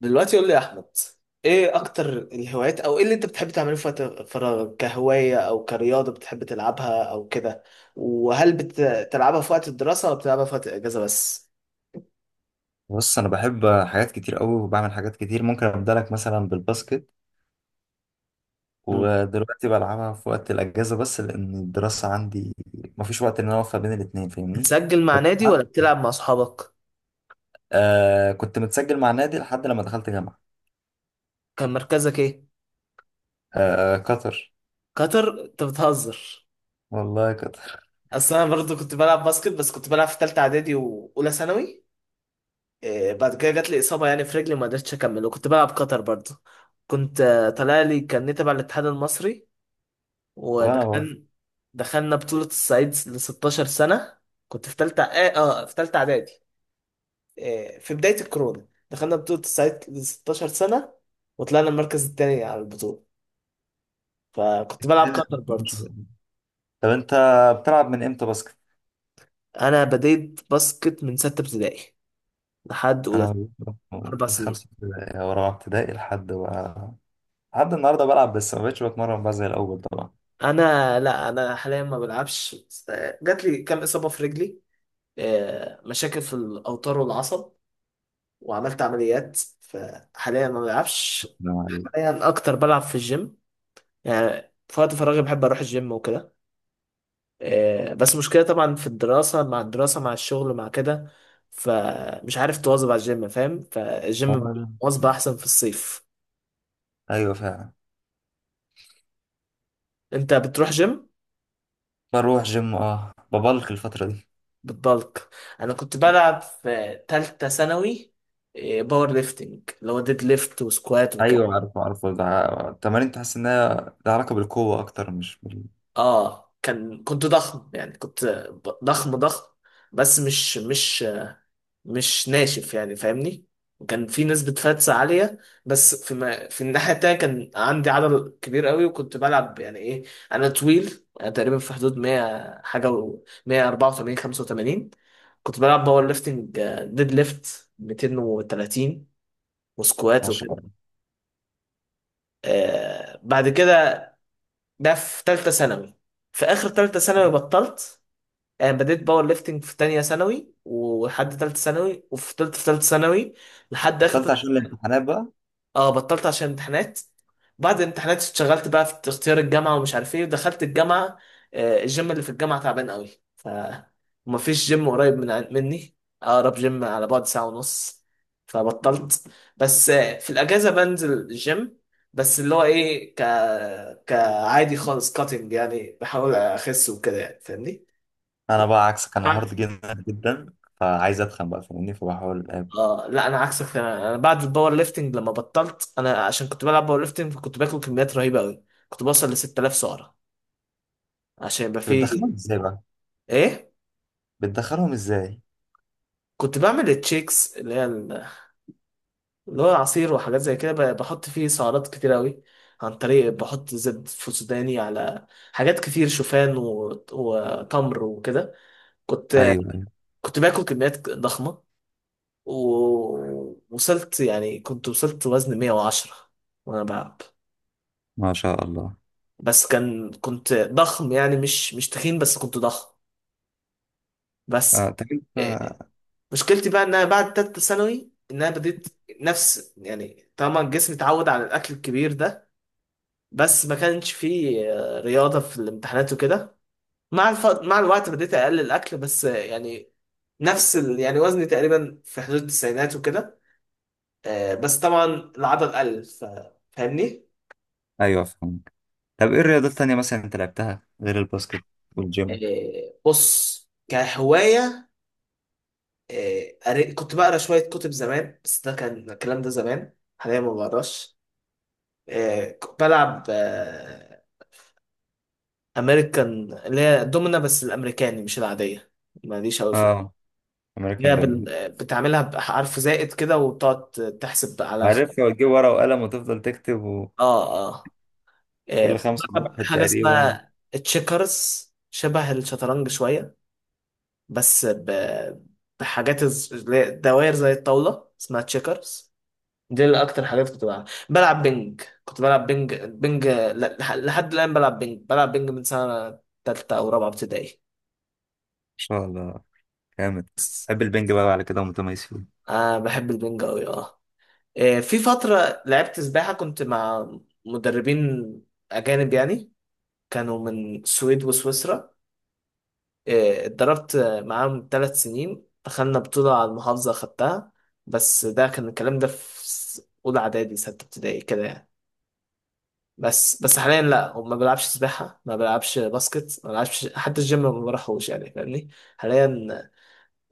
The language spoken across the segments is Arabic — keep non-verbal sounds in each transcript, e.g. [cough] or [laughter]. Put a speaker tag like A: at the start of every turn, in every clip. A: دلوقتي قول لي يا احمد، ايه اكتر الهوايات او ايه اللي انت بتحب تعمله في وقت فراغك؟ كهواية او كرياضة بتحب تلعبها او كده. وهل بتلعبها في وقت الدراسة ولا بتلعبها في وقت الاجازة بس؟
B: بص، انا بحب حاجات كتير قوي وبعمل حاجات كتير. ممكن ابدا لك مثلا بالباسكت،
A: مم.
B: ودلوقتي بلعبها في وقت الاجازه بس لان الدراسه عندي مفيش وقت ان انا اوفق بين الاثنين، فاهمني؟
A: بتسجل مع
B: بس
A: نادي
B: حد-
A: ولا بتلعب مع اصحابك؟
B: آه، كنت متسجل مع نادي لحد لما دخلت جامعه.
A: كان مركزك ايه؟
B: آه، قطر.
A: قطر؟ انت بتهزر.
B: والله قطر.
A: اصل انا برضه كنت بلعب باسكت، بس كنت بلعب في تالتة اعدادي واولى ثانوي. إيه بعد كده جات لي اصابة يعني في رجلي، ما قدرتش اكمل. وكنت بلعب قطر برضه، كنت طالع لي، كان تبع الاتحاد المصري.
B: [laughs] وانا بروح.
A: ودخل دخلنا بطولة الصعيد ل 16 سنة. كنت في تالتة في تالتة إعدادي. في بداية الكورونا دخلنا بطولة الصعيد ل 16 سنة وطلعنا المركز التاني على البطولة. فكنت بلعب كتر برضه.
B: طب انت بتلعب من امتى باسكت؟
A: أنا بديت باسكت من ستة ابتدائي لحد أولى،
B: انا بلعب
A: أربع
B: من
A: سنين.
B: خمسه ابتدائي او رابعه ابتدائي، لحد بقى، لحد النهارده بلعب، بس ما بقتش بتمرن بقى زي الاول طبعا.
A: أنا لا، أنا حاليا ما بلعبش، بس، جات لي كام إصابة في رجلي، مشاكل في الأوتار والعصب، وعملت عمليات، فحاليا ما بلعبش.
B: نعم عليك.
A: يعني اكتر بلعب في الجيم. يعني في وقت فراغي بحب اروح الجيم وكده. بس مشكلة طبعا في الدراسة، مع الدراسة مع الشغل مع كده، فمش عارف تواظب على الجيم، فاهم؟ فالجيم
B: آه،
A: مواظبة احسن في الصيف.
B: ايوه فعلا.
A: انت بتروح جيم؟
B: بروح جيم، اه، ببلك الفترة دي.
A: بتبلك؟ انا كنت بلعب في تالتة ثانوي باور ليفتنج اللي هو ديد ليفت وسكوات وكده.
B: ايوه، عارفه عارفه، ده التمارين تحس انها لها علاقة بالقوة اكتر، مش بال...
A: اه كان كنت ضخم يعني، كنت ضخم ضخم، بس مش مش ناشف يعني، فاهمني؟ وكان في نسبة فاتس عالية، بس في، ما في الناحية التانية كان عندي عضل كبير قوي. وكنت بلعب يعني ايه، انا طويل، انا تقريبا في حدود 100 حاجة و 184 85. كنت بلعب باور ليفتنج، ديد ليفت 230 وسكوات وكده.
B: عشان
A: آه بعد كده، ده في تالتة ثانوي. في اخر تالتة ثانوي بطلت. آه بديت باور ليفتنج في تانية ثانوي ولحد تالتة ثانوي، وفضلت في تالتة ثانوي لحد اخر.
B: بطلت عشان الامتحانات بقى.
A: اه بطلت عشان امتحانات. بعد الامتحانات اشتغلت بقى في اختيار الجامعة ومش عارف ايه، ودخلت الجامعة. الجيم اللي في الجامعة تعبان قوي، فمفيش جيم قريب مني. أقرب جيم على بعد ساعة ونص، فبطلت. بس في الأجازة بنزل الجيم، بس اللي هو ايه، كعادي خالص، كاتنج يعني، بحاول أخس وكده يعني، فاهمني؟
B: انا بقى عكسك، انا هارد جدا جدا، فعايز اتخن بقى، فاهمني؟ فبحاول أقابل.
A: اه لا انا عكسك، انا، أنا بعد الباور ليفتنج لما بطلت، انا عشان كنت بلعب باور ليفتنج كنت باكل كميات رهيبه قوي، كنت بوصل ل 6000 سعره عشان يبقى
B: طب بتدخلهم
A: فيه
B: ازاي بقى؟
A: ايه.
B: بتدخلهم ازاي؟
A: كنت بعمل التشيكس اللي هو العصير وحاجات زي كده، بحط فيه سعرات كتير قوي. عن طريق بحط زبد فسوداني على حاجات كتير، شوفان وتمر وكده. كنت
B: ايوه ايوه.
A: كنت باكل كميات ضخمه، ووصلت يعني، كنت وصلت وزن 110 وانا بلعب.
B: ما شاء الله.
A: بس كان كنت ضخم يعني، مش مش تخين، بس كنت ضخم. بس
B: طب انت.
A: إيه، مشكلتي بقى ان انا بعد تالتة ثانوي ان انا بديت نفس يعني، طبعا الجسم اتعود على الاكل الكبير ده، بس ما كانش فيه رياضة في الامتحانات وكده. مع الوقت بديت اقلل الاكل، بس، يعني نفس ال... يعني وزني تقريبا في حدود التسعينات وكده. بس طبعا العضل قل ف... فاهمني؟
B: ايوه، فهمك. طب ايه الرياضات التانية مثلا انت لعبتها غير الباسكت والجيم؟
A: بص كهواية، كنت بقرا شوية كتب زمان، بس ده كان الكلام ده زمان، حاليا ما بقراش. كنت بلعب أمريكان اللي هي دومنا، بس الأمريكاني مش العادية، ماليش أوي في،
B: اه،
A: اللي
B: امريكان
A: هي
B: دومينيك.
A: بتعملها بحرف زائد كده وبتقعد تحسب على
B: عارفها، وتجيب ورقة وقلم وتفضل تكتب وكل.
A: آه. آه.
B: خمسة
A: بلعب
B: واحد
A: حاجة
B: تقريبا.
A: اسمها تشيكرز، شبه الشطرنج شوية، بس ب- بحاجات اللي هي دوائر زي الطاولة، اسمها تشيكرز. دي اللي اكتر حاجات كنت بلعب. بلعب بينج، كنت بلعب بينج بينج لحد الان بلعب بينج. بلعب بينج من سنه تالتة او رابعه ابتدائي.
B: شاء الله، جامد.
A: بس
B: بحب البنج بقى على كده ومتميز فيه.
A: آه بحب البينج قوي اه. في فتره لعبت سباحه، كنت مع مدربين اجانب يعني، كانوا من السويد وسويسرا. اتدربت معاهم ثلاث سنين، دخلنا بطوله على المحافظه خدتها. بس ده كان الكلام ده في اولى اعدادي سته ابتدائي كده يعني. بس حاليا لا، وما بلعبش سباحة، ما بلعبش باسكت، ما بلعبش حتى الجيم، ما بروحوش يعني، فاهمني؟ حاليا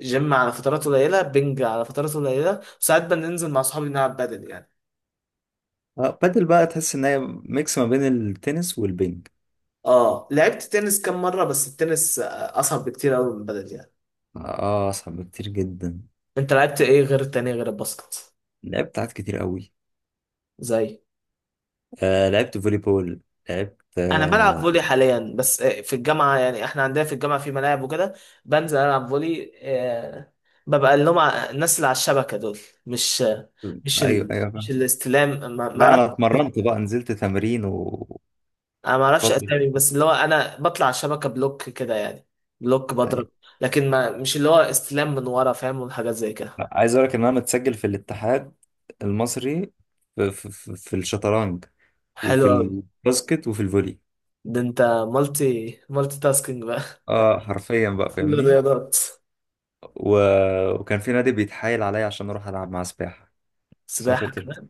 A: جيم على فترات قليلة، بنج على فترات قليلة، وساعات بننزل مع صحابي نلعب بدل يعني.
B: اه، بادل بقى، تحس ان هي ميكس ما بين التنس والبنج.
A: اه لعبت تنس كام مرة، بس التنس أصعب بكتير أوي من بدل يعني.
B: اه، اصعب بكتير جدا.
A: أنت لعبت إيه غير التانية غير الباسكت؟
B: لعبت ساعات كتير قوي.
A: زي
B: لعبت فولي بول. لعبت
A: انا بلعب فولي حاليا، بس في الجامعه، يعني احنا عندنا في الجامعه في ملاعب وكده، بنزل العب فولي. ببقى اللي هم الناس اللي على الشبكه دول، مش آه، مش
B: ايوه
A: ال...
B: ايوه بقى.
A: مش الاستلام. ما
B: لا،
A: اعرفش.
B: انا اتمرنت بقى، نزلت تمرين وفترة.
A: انا ما اعرفش اسامي، بس اللي هو انا بطلع على الشبكه، بلوك كده يعني، بلوك
B: أيوة.
A: بضرب. لكن ما مش اللي هو استلام من ورا، فاهم؟ والحاجات زي كده.
B: لا، عايز اقول لك ان انا متسجل في الاتحاد المصري في الشطرنج
A: حلو
B: وفي
A: قوي.
B: الباسكت وفي الفولي.
A: ده انت مالتي مالتي تاسكينج بقى.
B: اه، حرفيا بقى،
A: [laughs] كل
B: فاهمني؟
A: الرياضات.
B: و... وكان في نادي بيتحايل عليا عشان اروح العب معاه سباحه. بس ما
A: سباحه
B: كنتش،
A: كمان؟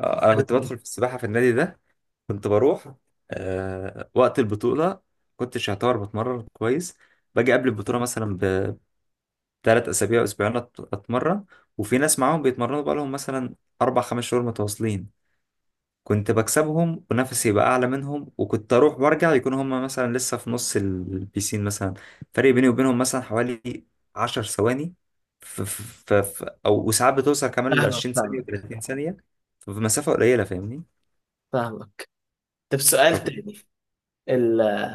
B: انا
A: حلو
B: كنت
A: أوي.
B: بدخل في السباحه في النادي ده. كنت بروح وقت البطوله. كنتش يعتبر بتمرن كويس، باجي قبل البطوله مثلا بثلاث اسابيع اسبوعين، اتمرن. وفي ناس معاهم بيتمرنوا بقالهم مثلا اربع خمس شهور متواصلين، كنت بكسبهم، ونفسي يبقى اعلى منهم. وكنت اروح وارجع يكون هم مثلا لسه في نص البيسين مثلا. فرق بيني وبينهم مثلا حوالي 10 ثواني. ف ف ف او وساعات بتوصل كمان ل
A: فاهمك
B: 20 ثانية
A: فاهمك
B: و30 ثانية. ففي مسافة قليلة، فاهمني؟
A: فاهمك. طب سؤال
B: فكنت...
A: تاني، ال...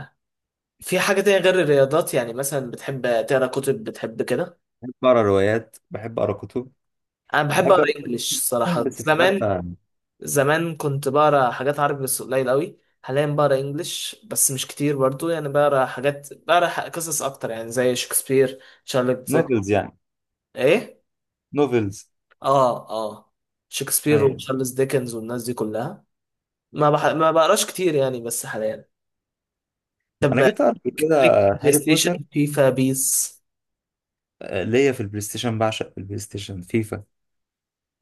A: في حاجة تانية غير الرياضات؟ يعني مثلا بتحب تقرا كتب؟ بتحب كده؟
B: بحب اقرا روايات، بحب اقرا كتب،
A: أنا بحب
B: بحب اقرا
A: أقرا إنجليش
B: جداً،
A: الصراحة.
B: بس في
A: زمان،
B: حتى...
A: زمان كنت بقرا حاجات عربي بس قليل قوي. حاليا بقرا إنجليش بس مش كتير برضو، يعني بقرا حاجات، بقرا قصص أكتر يعني، زي شكسبير، تشارلز ديكنز.
B: نوفلز يعني.
A: إيه؟
B: نوفلز.
A: آه آه، شكسبير
B: ايوه.
A: وتشارلز ديكنز والناس دي كلها. ما بقراش كتير يعني، بس حاليا. طب
B: انا جيت اقرا قبل
A: ليك،
B: كده
A: ليك بلاي
B: هاري بوتر.
A: ستيشن؟ فيفا بيس؟
B: ليا في البلاي ستيشن، بعشق البلاي ستيشن فيفا.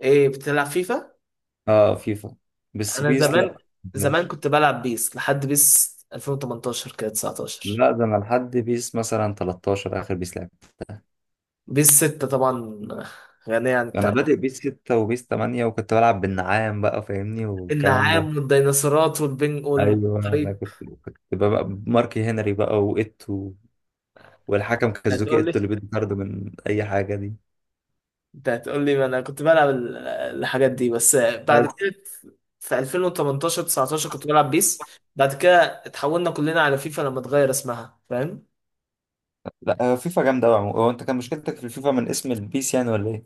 A: إيه بتلعب فيفا؟
B: اه، فيفا. بس
A: انا
B: بيس
A: زمان،
B: لا،
A: زمان
B: مبحبهاش.
A: كنت بلعب بيس لحد بيس 2018 كده، 19.
B: لا، ده انا لحد بيس مثلا 13، اخر بيس لعب.
A: بيس 6 طبعا غنية عن
B: انا
A: التعريف.
B: بادئ بيس 6 وبيس 8، وكنت بلعب بالنعام بقى، فاهمني؟ والكلام ده.
A: النعام والديناصورات والبنج
B: ايوه، انا كنت
A: والطريق.
B: كنت بقى ماركي هنري بقى وإيتو، والحكم
A: انت
B: كازوكي
A: هتقول لي،
B: إيتو اللي بيدي طرد من اي حاجه دي.
A: انت هتقول لي ما انا كنت بلعب الحاجات دي. بس بعد
B: بس
A: كده في 2018، 19 كنت بلعب بيس. بعد كده اتحولنا كلنا على فيفا لما اتغير اسمها، فاهم؟
B: لا، هو فيفا جامده قوي، هو انت كان مشكلتك في الفيفا من اسم البيس يعني ولا ايه؟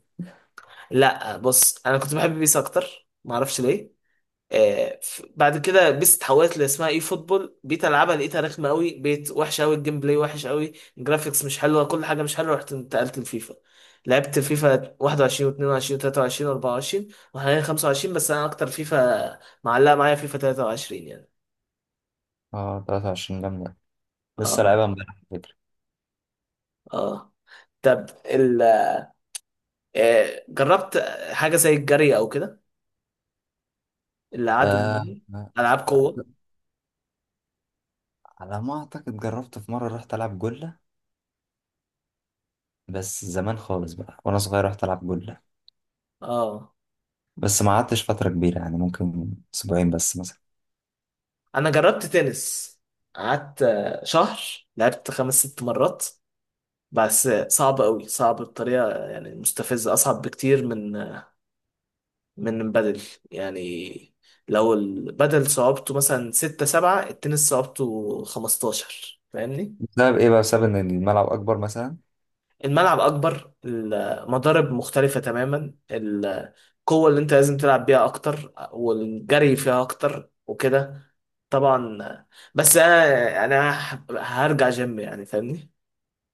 A: لا بص، انا كنت بحب بيس اكتر، معرفش ليه. بعد كده بيس اتحولت اللي اسمها اي فوتبول، بقيت العبها لقيتها رخمه قوي، بقيت وحشه قوي، الجيم بلاي وحش قوي، الجرافيكس مش حلوه، كل حاجه مش حلوه، رحت انتقلت لفيفا. لعبت فيفا 21 و22 و23 و24 وحاليا 25. بس انا اكتر فيفا معلقه معايا فيفا 23 يعني.
B: اه، 23 جامده، لسه
A: اه
B: لعبها امبارح على فكره.
A: اه. طب ال جربت حاجه زي الجري او كده؟ اللي قعدوا
B: آه
A: يعني،
B: آه،
A: العاب قوه؟
B: على ما اعتقد جربت في مره، رحت العب جله. بس زمان خالص بقى وانا صغير، رحت العب جله،
A: اه
B: بس ما قعدتش فترة كبيرة يعني، ممكن أسبوعين بس مثلا.
A: انا جربت تنس، قعدت شهر، لعبت خمس ست مرات، بس صعب قوي، صعب بطريقة يعني مستفزة، أصعب بكتير من من بدل يعني. لو البدل صعوبته مثلا ستة سبعة، التنس صعوبته خمستاشر، فاهمني؟
B: بسبب إيه بقى؟ بسبب إن الملعب أكبر مثلا؟
A: الملعب أكبر، المضارب مختلفة تماما، القوة اللي أنت لازم تلعب بيها أكتر، والجري فيها أكتر وكده. طبعا. بس أنا يعني، أنا هرجع جيم يعني، فاهمني؟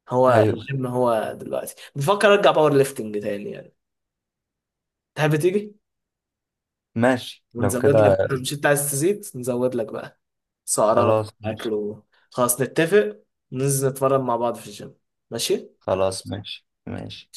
A: هو
B: أيوه،
A: الجيم، هو دلوقتي بفكر أرجع باور ليفتنج تاني يعني. تحب تيجي؟
B: ماشي لو
A: ونزود
B: كده.
A: لك، مش انت عايز تزيد؟ نزود لك بقى سعرات
B: خلاص، ماشي.
A: اكل و... خلاص نتفق، ننزل نتمرن مع بعض في الجيم. ماشي.
B: خلاص، ماشي ماشي.